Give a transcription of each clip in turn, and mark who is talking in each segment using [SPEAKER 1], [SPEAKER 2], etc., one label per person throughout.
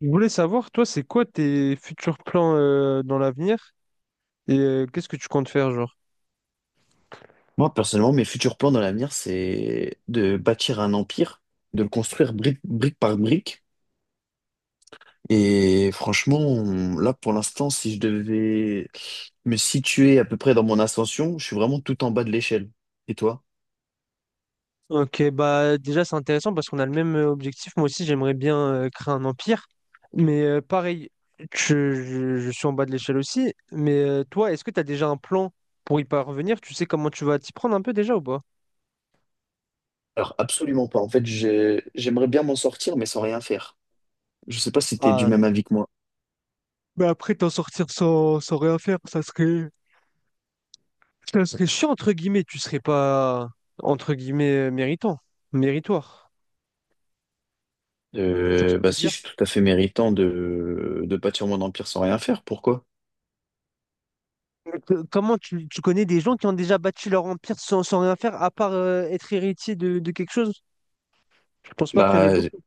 [SPEAKER 1] Je voulais savoir, toi, c'est quoi tes futurs plans dans l'avenir et qu'est-ce que tu comptes faire, genre?
[SPEAKER 2] Moi, personnellement, mes futurs plans dans l'avenir, c'est de bâtir un empire, de le construire brique par brique. Et franchement, là, pour l'instant, si je devais me situer à peu près dans mon ascension, je suis vraiment tout en bas de l'échelle. Et toi?
[SPEAKER 1] Ok, bah déjà c'est intéressant parce qu'on a le même objectif. Moi aussi j'aimerais bien créer un empire. Mais pareil, je suis en bas de l'échelle aussi. Mais toi, est-ce que tu as déjà un plan pour y parvenir? Tu sais comment tu vas t'y prendre un peu déjà ou pas?
[SPEAKER 2] Alors, absolument pas. En fait, j'aimerais bien m'en sortir, mais sans rien faire. Je sais pas si tu es du
[SPEAKER 1] Ah,
[SPEAKER 2] même avis que moi.
[SPEAKER 1] mais après t'en sortir sans rien faire, ça serait. Ça serait chiant entre guillemets, tu serais pas entre guillemets méritant, méritoire. Tu vois ce que
[SPEAKER 2] Euh,
[SPEAKER 1] je
[SPEAKER 2] bah
[SPEAKER 1] veux
[SPEAKER 2] si,
[SPEAKER 1] dire.
[SPEAKER 2] je suis tout à fait méritant de bâtir mon empire sans rien faire. Pourquoi?
[SPEAKER 1] Mais comment tu connais des gens qui ont déjà bâti leur empire sans rien faire, à part être héritier de quelque chose? Je pense pas qu'il y en ait
[SPEAKER 2] Bah,
[SPEAKER 1] beaucoup.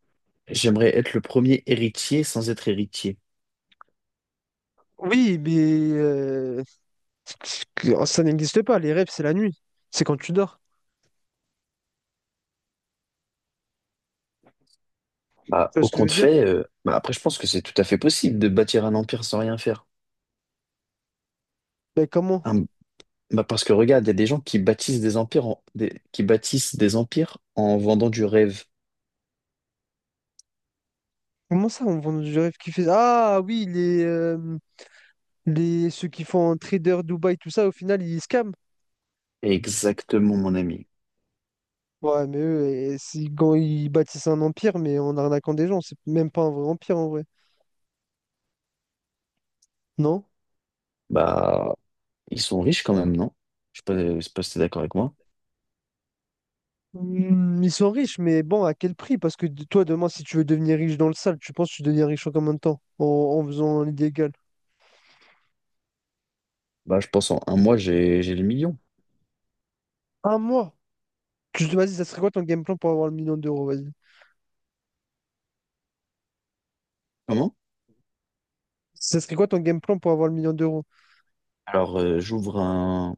[SPEAKER 2] j'aimerais être le premier héritier sans être héritier.
[SPEAKER 1] Oui, mais euh, ça n'existe pas. Les rêves, c'est la nuit. C'est quand tu dors.
[SPEAKER 2] Bah,
[SPEAKER 1] Tu vois
[SPEAKER 2] au
[SPEAKER 1] ce que je veux
[SPEAKER 2] compte
[SPEAKER 1] dire?
[SPEAKER 2] fait, bah, après, je pense que c'est tout à fait possible de bâtir un empire sans rien faire.
[SPEAKER 1] Mais comment?
[SPEAKER 2] Un- bah, parce que regarde, il y a des gens qui bâtissent des empires qui bâtissent des empires en vendant du rêve.
[SPEAKER 1] Comment ça, on vend du rêve qui fait. Ah oui, ceux qui font un trader Dubaï, tout ça, au final, ils scamment.
[SPEAKER 2] Exactement, mon ami.
[SPEAKER 1] Ouais, mais eux, quand ils bâtissent un empire, mais en arnaquant des gens, c'est même pas un vrai empire en vrai. Non?
[SPEAKER 2] Bah, ils sont riches quand même, non? Je sais pas si t'es d'accord avec moi.
[SPEAKER 1] Hmm, ils sont riches, mais bon, à quel prix? Parce que toi, demain, si tu veux devenir riche dans le sale, tu penses que tu deviens riche en combien de temps? En faisant l'illégal?
[SPEAKER 2] Bah, je pense en un mois, j'ai le million.
[SPEAKER 1] Un mois? Vas-y, ça serait quoi ton game plan pour avoir le million d'euros? Vas-y.
[SPEAKER 2] Comment?
[SPEAKER 1] Ça serait quoi ton game plan pour avoir le million d'euros?
[SPEAKER 2] Alors,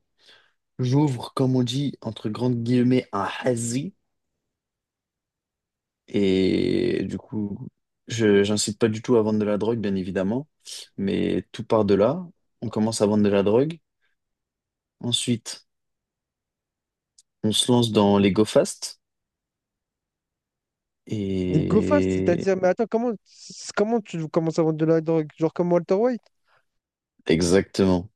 [SPEAKER 2] j'ouvre, comme on dit, entre grandes guillemets, un hazy. Et du coup, j'incite pas du tout à vendre de la drogue, bien évidemment, mais tout part de là. On commence à vendre de la drogue. Ensuite, on se lance dans les Go Fast.
[SPEAKER 1] Des go fast,
[SPEAKER 2] Et
[SPEAKER 1] c'est-à-dire, mais attends, comment tu commences à vendre de la drogue? Genre comme Walter White?
[SPEAKER 2] exactement.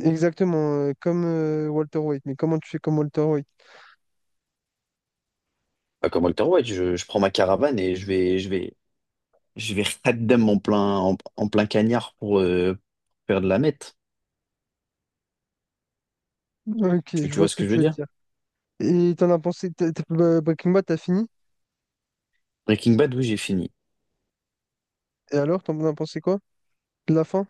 [SPEAKER 1] Exactement, comme Walter White. Mais comment tu fais comme Walter White?
[SPEAKER 2] Pas comme Walter White, je prends ma caravane et je vais raddam en plein, en plein cagnard pour faire de la meth.
[SPEAKER 1] Ok,
[SPEAKER 2] Tu,
[SPEAKER 1] je
[SPEAKER 2] tu
[SPEAKER 1] vois
[SPEAKER 2] vois
[SPEAKER 1] ce
[SPEAKER 2] ce
[SPEAKER 1] que
[SPEAKER 2] que je
[SPEAKER 1] tu
[SPEAKER 2] veux
[SPEAKER 1] veux
[SPEAKER 2] dire?
[SPEAKER 1] dire. Et t'en as pensé, bah, Breaking Bad, t'as fini?
[SPEAKER 2] Breaking Bad, oui, j'ai fini.
[SPEAKER 1] Et alors, t'en as pensé quoi? De la fin?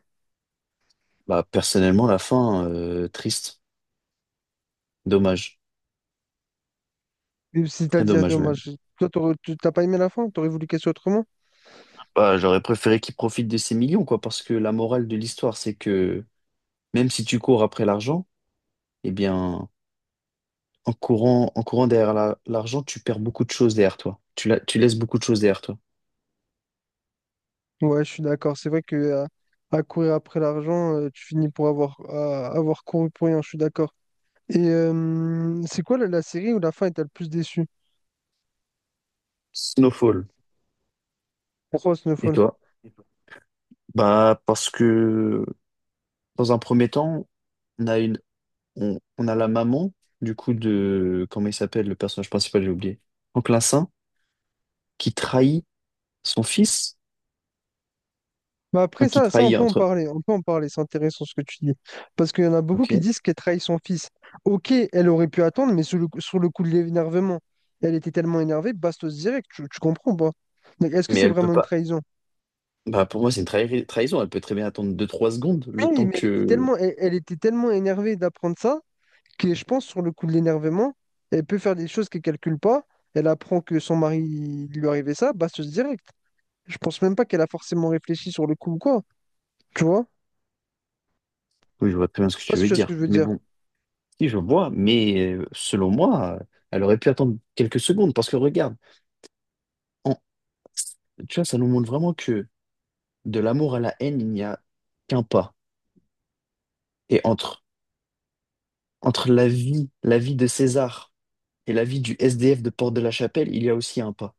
[SPEAKER 2] Bah, personnellement, la fin, triste. Dommage.
[SPEAKER 1] Et
[SPEAKER 2] Très
[SPEAKER 1] c'est-à-dire, non,
[SPEAKER 2] dommage,
[SPEAKER 1] moi,
[SPEAKER 2] même.
[SPEAKER 1] toi, t'as pas aimé la fin? T'aurais voulu qu'elle soit autrement?
[SPEAKER 2] Bah, j'aurais préféré qu'il profite de ses millions, quoi, parce que la morale de l'histoire, c'est que même si tu cours après l'argent, eh bien, en courant derrière l'argent, tu perds beaucoup de choses derrière toi. Tu laisses beaucoup de choses derrière toi.
[SPEAKER 1] Ouais, je suis d'accord. C'est vrai que à courir après l'argent, tu finis pour avoir, avoir couru pour rien. Je suis d'accord. Et c'est quoi la série où la fin est le plus déçu?
[SPEAKER 2] Snowfall.
[SPEAKER 1] Pourquoi
[SPEAKER 2] Et
[SPEAKER 1] Snowfall?
[SPEAKER 2] toi? Bah, parce que dans un premier temps, on a une, on a la maman, du coup, de, comment il s'appelle, le personnage principal, j'ai oublié. Franklin Saint, qui trahit son fils,
[SPEAKER 1] Bah
[SPEAKER 2] enfin,
[SPEAKER 1] après
[SPEAKER 2] qui
[SPEAKER 1] ça, ça on
[SPEAKER 2] trahit
[SPEAKER 1] peut en
[SPEAKER 2] entre,
[SPEAKER 1] parler, on peut en parler, c'est intéressant ce que tu dis. Parce qu'il y en a beaucoup qui
[SPEAKER 2] ok,
[SPEAKER 1] disent qu'elle trahit son fils. Ok, elle aurait pu attendre, mais sur le coup de l'énervement, elle était tellement énervée, bastos direct, tu comprends pas? Donc est-ce que
[SPEAKER 2] mais
[SPEAKER 1] c'est
[SPEAKER 2] elle peut
[SPEAKER 1] vraiment une
[SPEAKER 2] pas.
[SPEAKER 1] trahison?
[SPEAKER 2] Bah, pour moi, c'est une trahison. Elle peut très bien attendre deux trois secondes, le
[SPEAKER 1] Oui,
[SPEAKER 2] temps
[SPEAKER 1] mais elle était
[SPEAKER 2] que...
[SPEAKER 1] tellement, elle, elle était tellement énervée d'apprendre ça que je pense sur le coup de l'énervement, elle peut faire des choses qu'elle calcule pas, elle apprend que son mari il lui arrivait ça, bastos direct. Je pense même pas qu'elle a forcément réfléchi sur le coup ou quoi, tu vois?
[SPEAKER 2] Oui, je vois très bien ce
[SPEAKER 1] Je
[SPEAKER 2] que
[SPEAKER 1] sais pas
[SPEAKER 2] tu
[SPEAKER 1] si
[SPEAKER 2] veux
[SPEAKER 1] tu vois ce que
[SPEAKER 2] dire.
[SPEAKER 1] je veux
[SPEAKER 2] Mais
[SPEAKER 1] dire.
[SPEAKER 2] bon, si je vois, mais selon moi, elle aurait pu attendre quelques secondes. Parce que regarde, en- tu vois, ça nous montre vraiment que de l'amour à la haine, il n'y a qu'un pas. Et entre, entre la vie de César... Et la vie du SDF de Porte de la Chapelle, il y a aussi un pas.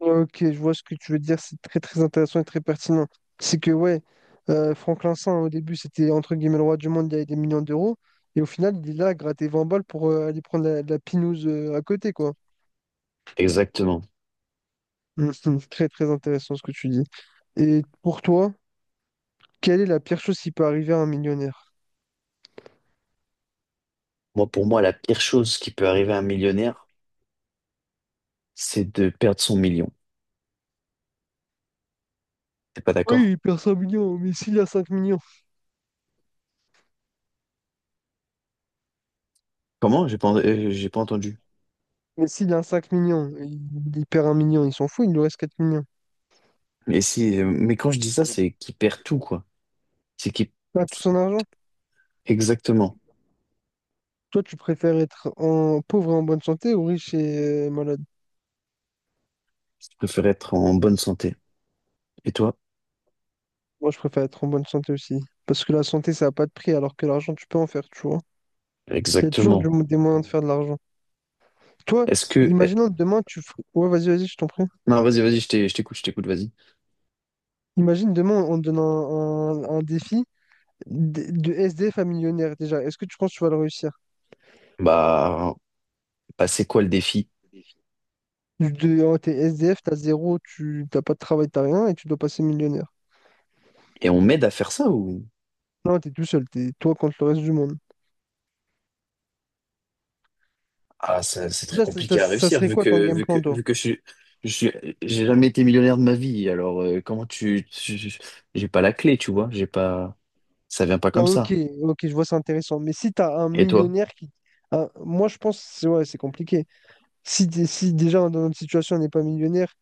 [SPEAKER 1] Ok, je vois ce que tu veux dire, c'est très très intéressant et très pertinent. C'est que ouais, Franklin Saint, au début, c'était entre guillemets le roi du monde, il avait des millions d'euros, et au final, il est là à gratter 20 balles pour aller prendre la pinouse à côté, quoi.
[SPEAKER 2] Exactement.
[SPEAKER 1] Mhm. C'est très très intéressant ce que tu dis. Et pour toi, quelle est la pire chose qui peut arriver à un millionnaire?
[SPEAKER 2] Moi, pour moi, la pire chose qui peut arriver à un millionnaire, c'est de perdre son million. T'es pas
[SPEAKER 1] Oui,
[SPEAKER 2] d'accord?
[SPEAKER 1] il perd 5 millions, mais s'il a 5 millions.
[SPEAKER 2] Comment? J'ai pas entendu.
[SPEAKER 1] Mais s'il a 5 millions, il perd un million, il s'en fout, il lui reste 4 millions.
[SPEAKER 2] Mais si, mais quand je dis ça, c'est qu'il perd tout, quoi. C'est qu'il...
[SPEAKER 1] Ah, tout son argent?
[SPEAKER 2] Exactement.
[SPEAKER 1] Toi, tu préfères être en pauvre et en bonne santé ou riche et malade?
[SPEAKER 2] Je préfère être en bonne santé. Et toi?
[SPEAKER 1] Moi, je préfère être en bonne santé aussi. Parce que la santé, ça n'a pas de prix, alors que l'argent, tu peux en faire, tu vois. Il y a toujours
[SPEAKER 2] Exactement.
[SPEAKER 1] des moyens de faire de l'argent. Toi,
[SPEAKER 2] Est-ce que,
[SPEAKER 1] imaginons demain, ouais, vas-y, vas-y, je t'en prie.
[SPEAKER 2] Non, vas-y, vas-y, je t'ai- je t'écoute, vas-y.
[SPEAKER 1] Imagine demain, on te donne un défi de SDF à millionnaire, déjà. Est-ce que tu penses que tu vas le réussir?
[SPEAKER 2] Bah, bah c'est quoi le défi?
[SPEAKER 1] Oh, t'es SDF, t'as zéro, tu t'as pas de travail, t'as rien, et tu dois passer millionnaire.
[SPEAKER 2] Et on m'aide à faire ça ou?
[SPEAKER 1] Non, t'es tout seul, t'es toi contre le reste du monde.
[SPEAKER 2] Ah, c'est très
[SPEAKER 1] Là, ça, ça-
[SPEAKER 2] compliqué à
[SPEAKER 1] ça
[SPEAKER 2] réussir
[SPEAKER 1] serait quoi ton game plan, toi?
[SPEAKER 2] vu que je suis je suis j'ai jamais été millionnaire de ma vie. Alors comment j'ai pas la clé, tu vois, j'ai pas ça vient pas
[SPEAKER 1] Ah,
[SPEAKER 2] comme
[SPEAKER 1] ok,
[SPEAKER 2] ça.
[SPEAKER 1] ok, je vois, c'est intéressant. Mais si tu as un
[SPEAKER 2] Et toi?
[SPEAKER 1] millionnaire qui. Moi, je pense, c'est ouais, c'est compliqué. Si, si déjà dans notre situation, on n'est pas millionnaire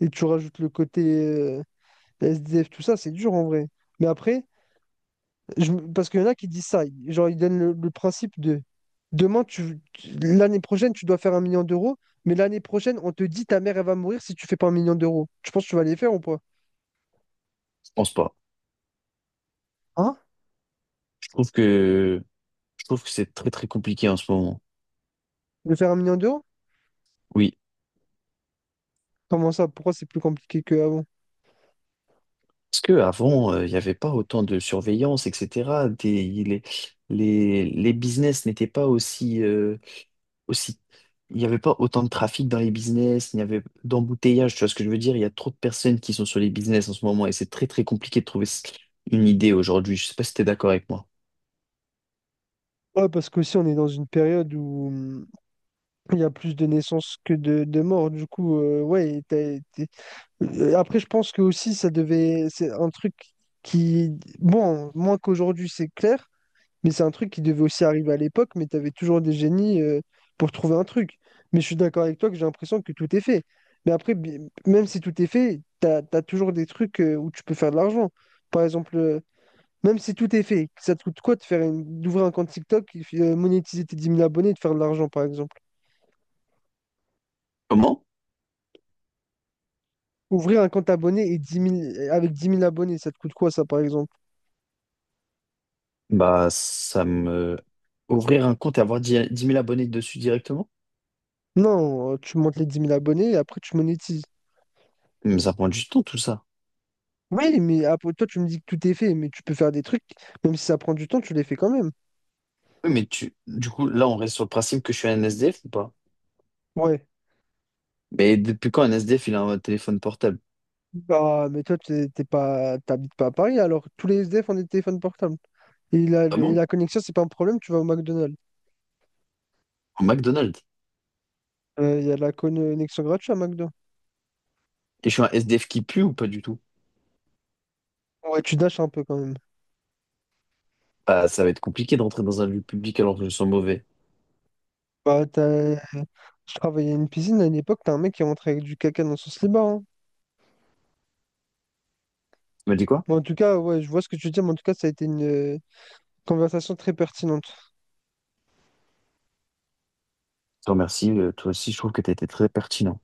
[SPEAKER 1] et tu rajoutes le côté SDF, tout ça, c'est dur en vrai. Mais après, parce qu'il y en a qui disent ça, genre ils donnent le principe de demain, l'année prochaine, tu dois faire un million d'euros, mais l'année prochaine, on te dit ta mère, elle va mourir si tu fais pas un million d'euros. Tu penses que tu vas les faire ou pas?
[SPEAKER 2] Je pense pas.
[SPEAKER 1] Hein?
[SPEAKER 2] Je trouve que je trouve que c'est très très compliqué en ce moment.
[SPEAKER 1] De faire un million d'euros?
[SPEAKER 2] Oui.
[SPEAKER 1] Comment ça? Pourquoi c'est plus compliqué qu'avant?
[SPEAKER 2] Parce que avant il n'y avait pas autant de surveillance, etc. Les business n'étaient pas aussi aussi, il n'y avait pas autant de trafic dans les business, il n'y avait d'embouteillage, tu vois ce que je veux dire? Il y a trop de personnes qui sont sur les business en ce moment et c'est très très compliqué de trouver une idée aujourd'hui. Je sais pas si tu es d'accord avec moi.
[SPEAKER 1] Ouais, parce qu'aussi on est dans une période où il y a plus de naissances que de morts, du coup, ouais. Après, je pense que aussi, ça devait. C'est un truc qui. Bon, moins qu'aujourd'hui, c'est clair, mais c'est un truc qui devait aussi arriver à l'époque, mais t'avais toujours des génies pour trouver un truc. Mais je suis d'accord avec toi que j'ai l'impression que tout est fait. Mais après, même si tout est fait, t'as toujours des trucs où tu peux faire de l'argent. Par exemple, même si tout est fait, ça te coûte quoi de faire d'ouvrir un compte TikTok, monétiser tes 10 000 abonnés et de faire de l'argent, par exemple?
[SPEAKER 2] Comment?
[SPEAKER 1] Ouvrir un compte abonné et 10 000 avec 10 000 abonnés, ça te coûte quoi ça par exemple?
[SPEAKER 2] Bah, ça me... Ouvrir un compte et avoir 10 000 abonnés dessus directement?
[SPEAKER 1] Non, tu montes les 10 000 abonnés et après tu monétises.
[SPEAKER 2] Mais ça prend du temps tout ça.
[SPEAKER 1] Oui, mais après toi tu me dis que tout est fait, mais tu peux faire des trucs, même si ça prend du temps, tu les fais quand même.
[SPEAKER 2] Oui, mais tu... du coup, là, on reste sur le principe que je suis un SDF ou pas?
[SPEAKER 1] Ouais.
[SPEAKER 2] Mais depuis quand un SDF, il a un téléphone portable?
[SPEAKER 1] Bah, mais toi t'habites pas à Paris alors tous les SDF ont des téléphones portables. Et la,
[SPEAKER 2] Ah
[SPEAKER 1] et
[SPEAKER 2] bon?
[SPEAKER 1] la connexion, c'est pas un problème, tu vas au McDonald's.
[SPEAKER 2] Au McDonald's.
[SPEAKER 1] Il y a la connexion gratuite à McDo.
[SPEAKER 2] Et je suis un SDF qui pue ou pas du tout?
[SPEAKER 1] Ouais, tu dashes un peu quand même.
[SPEAKER 2] Bah, ça va être compliqué de rentrer dans un lieu public alors que je sens mauvais.
[SPEAKER 1] Bah, je travaillais à une piscine à une époque, t'as un mec qui est rentré avec du caca dans son slibard. Hein.
[SPEAKER 2] Tu m'as dit quoi?
[SPEAKER 1] Mais en tout cas, ouais, je vois ce que tu dis, mais en tout cas, ça a été une conversation très pertinente.
[SPEAKER 2] Je te remercie. Toi aussi, je trouve que tu as été très pertinent.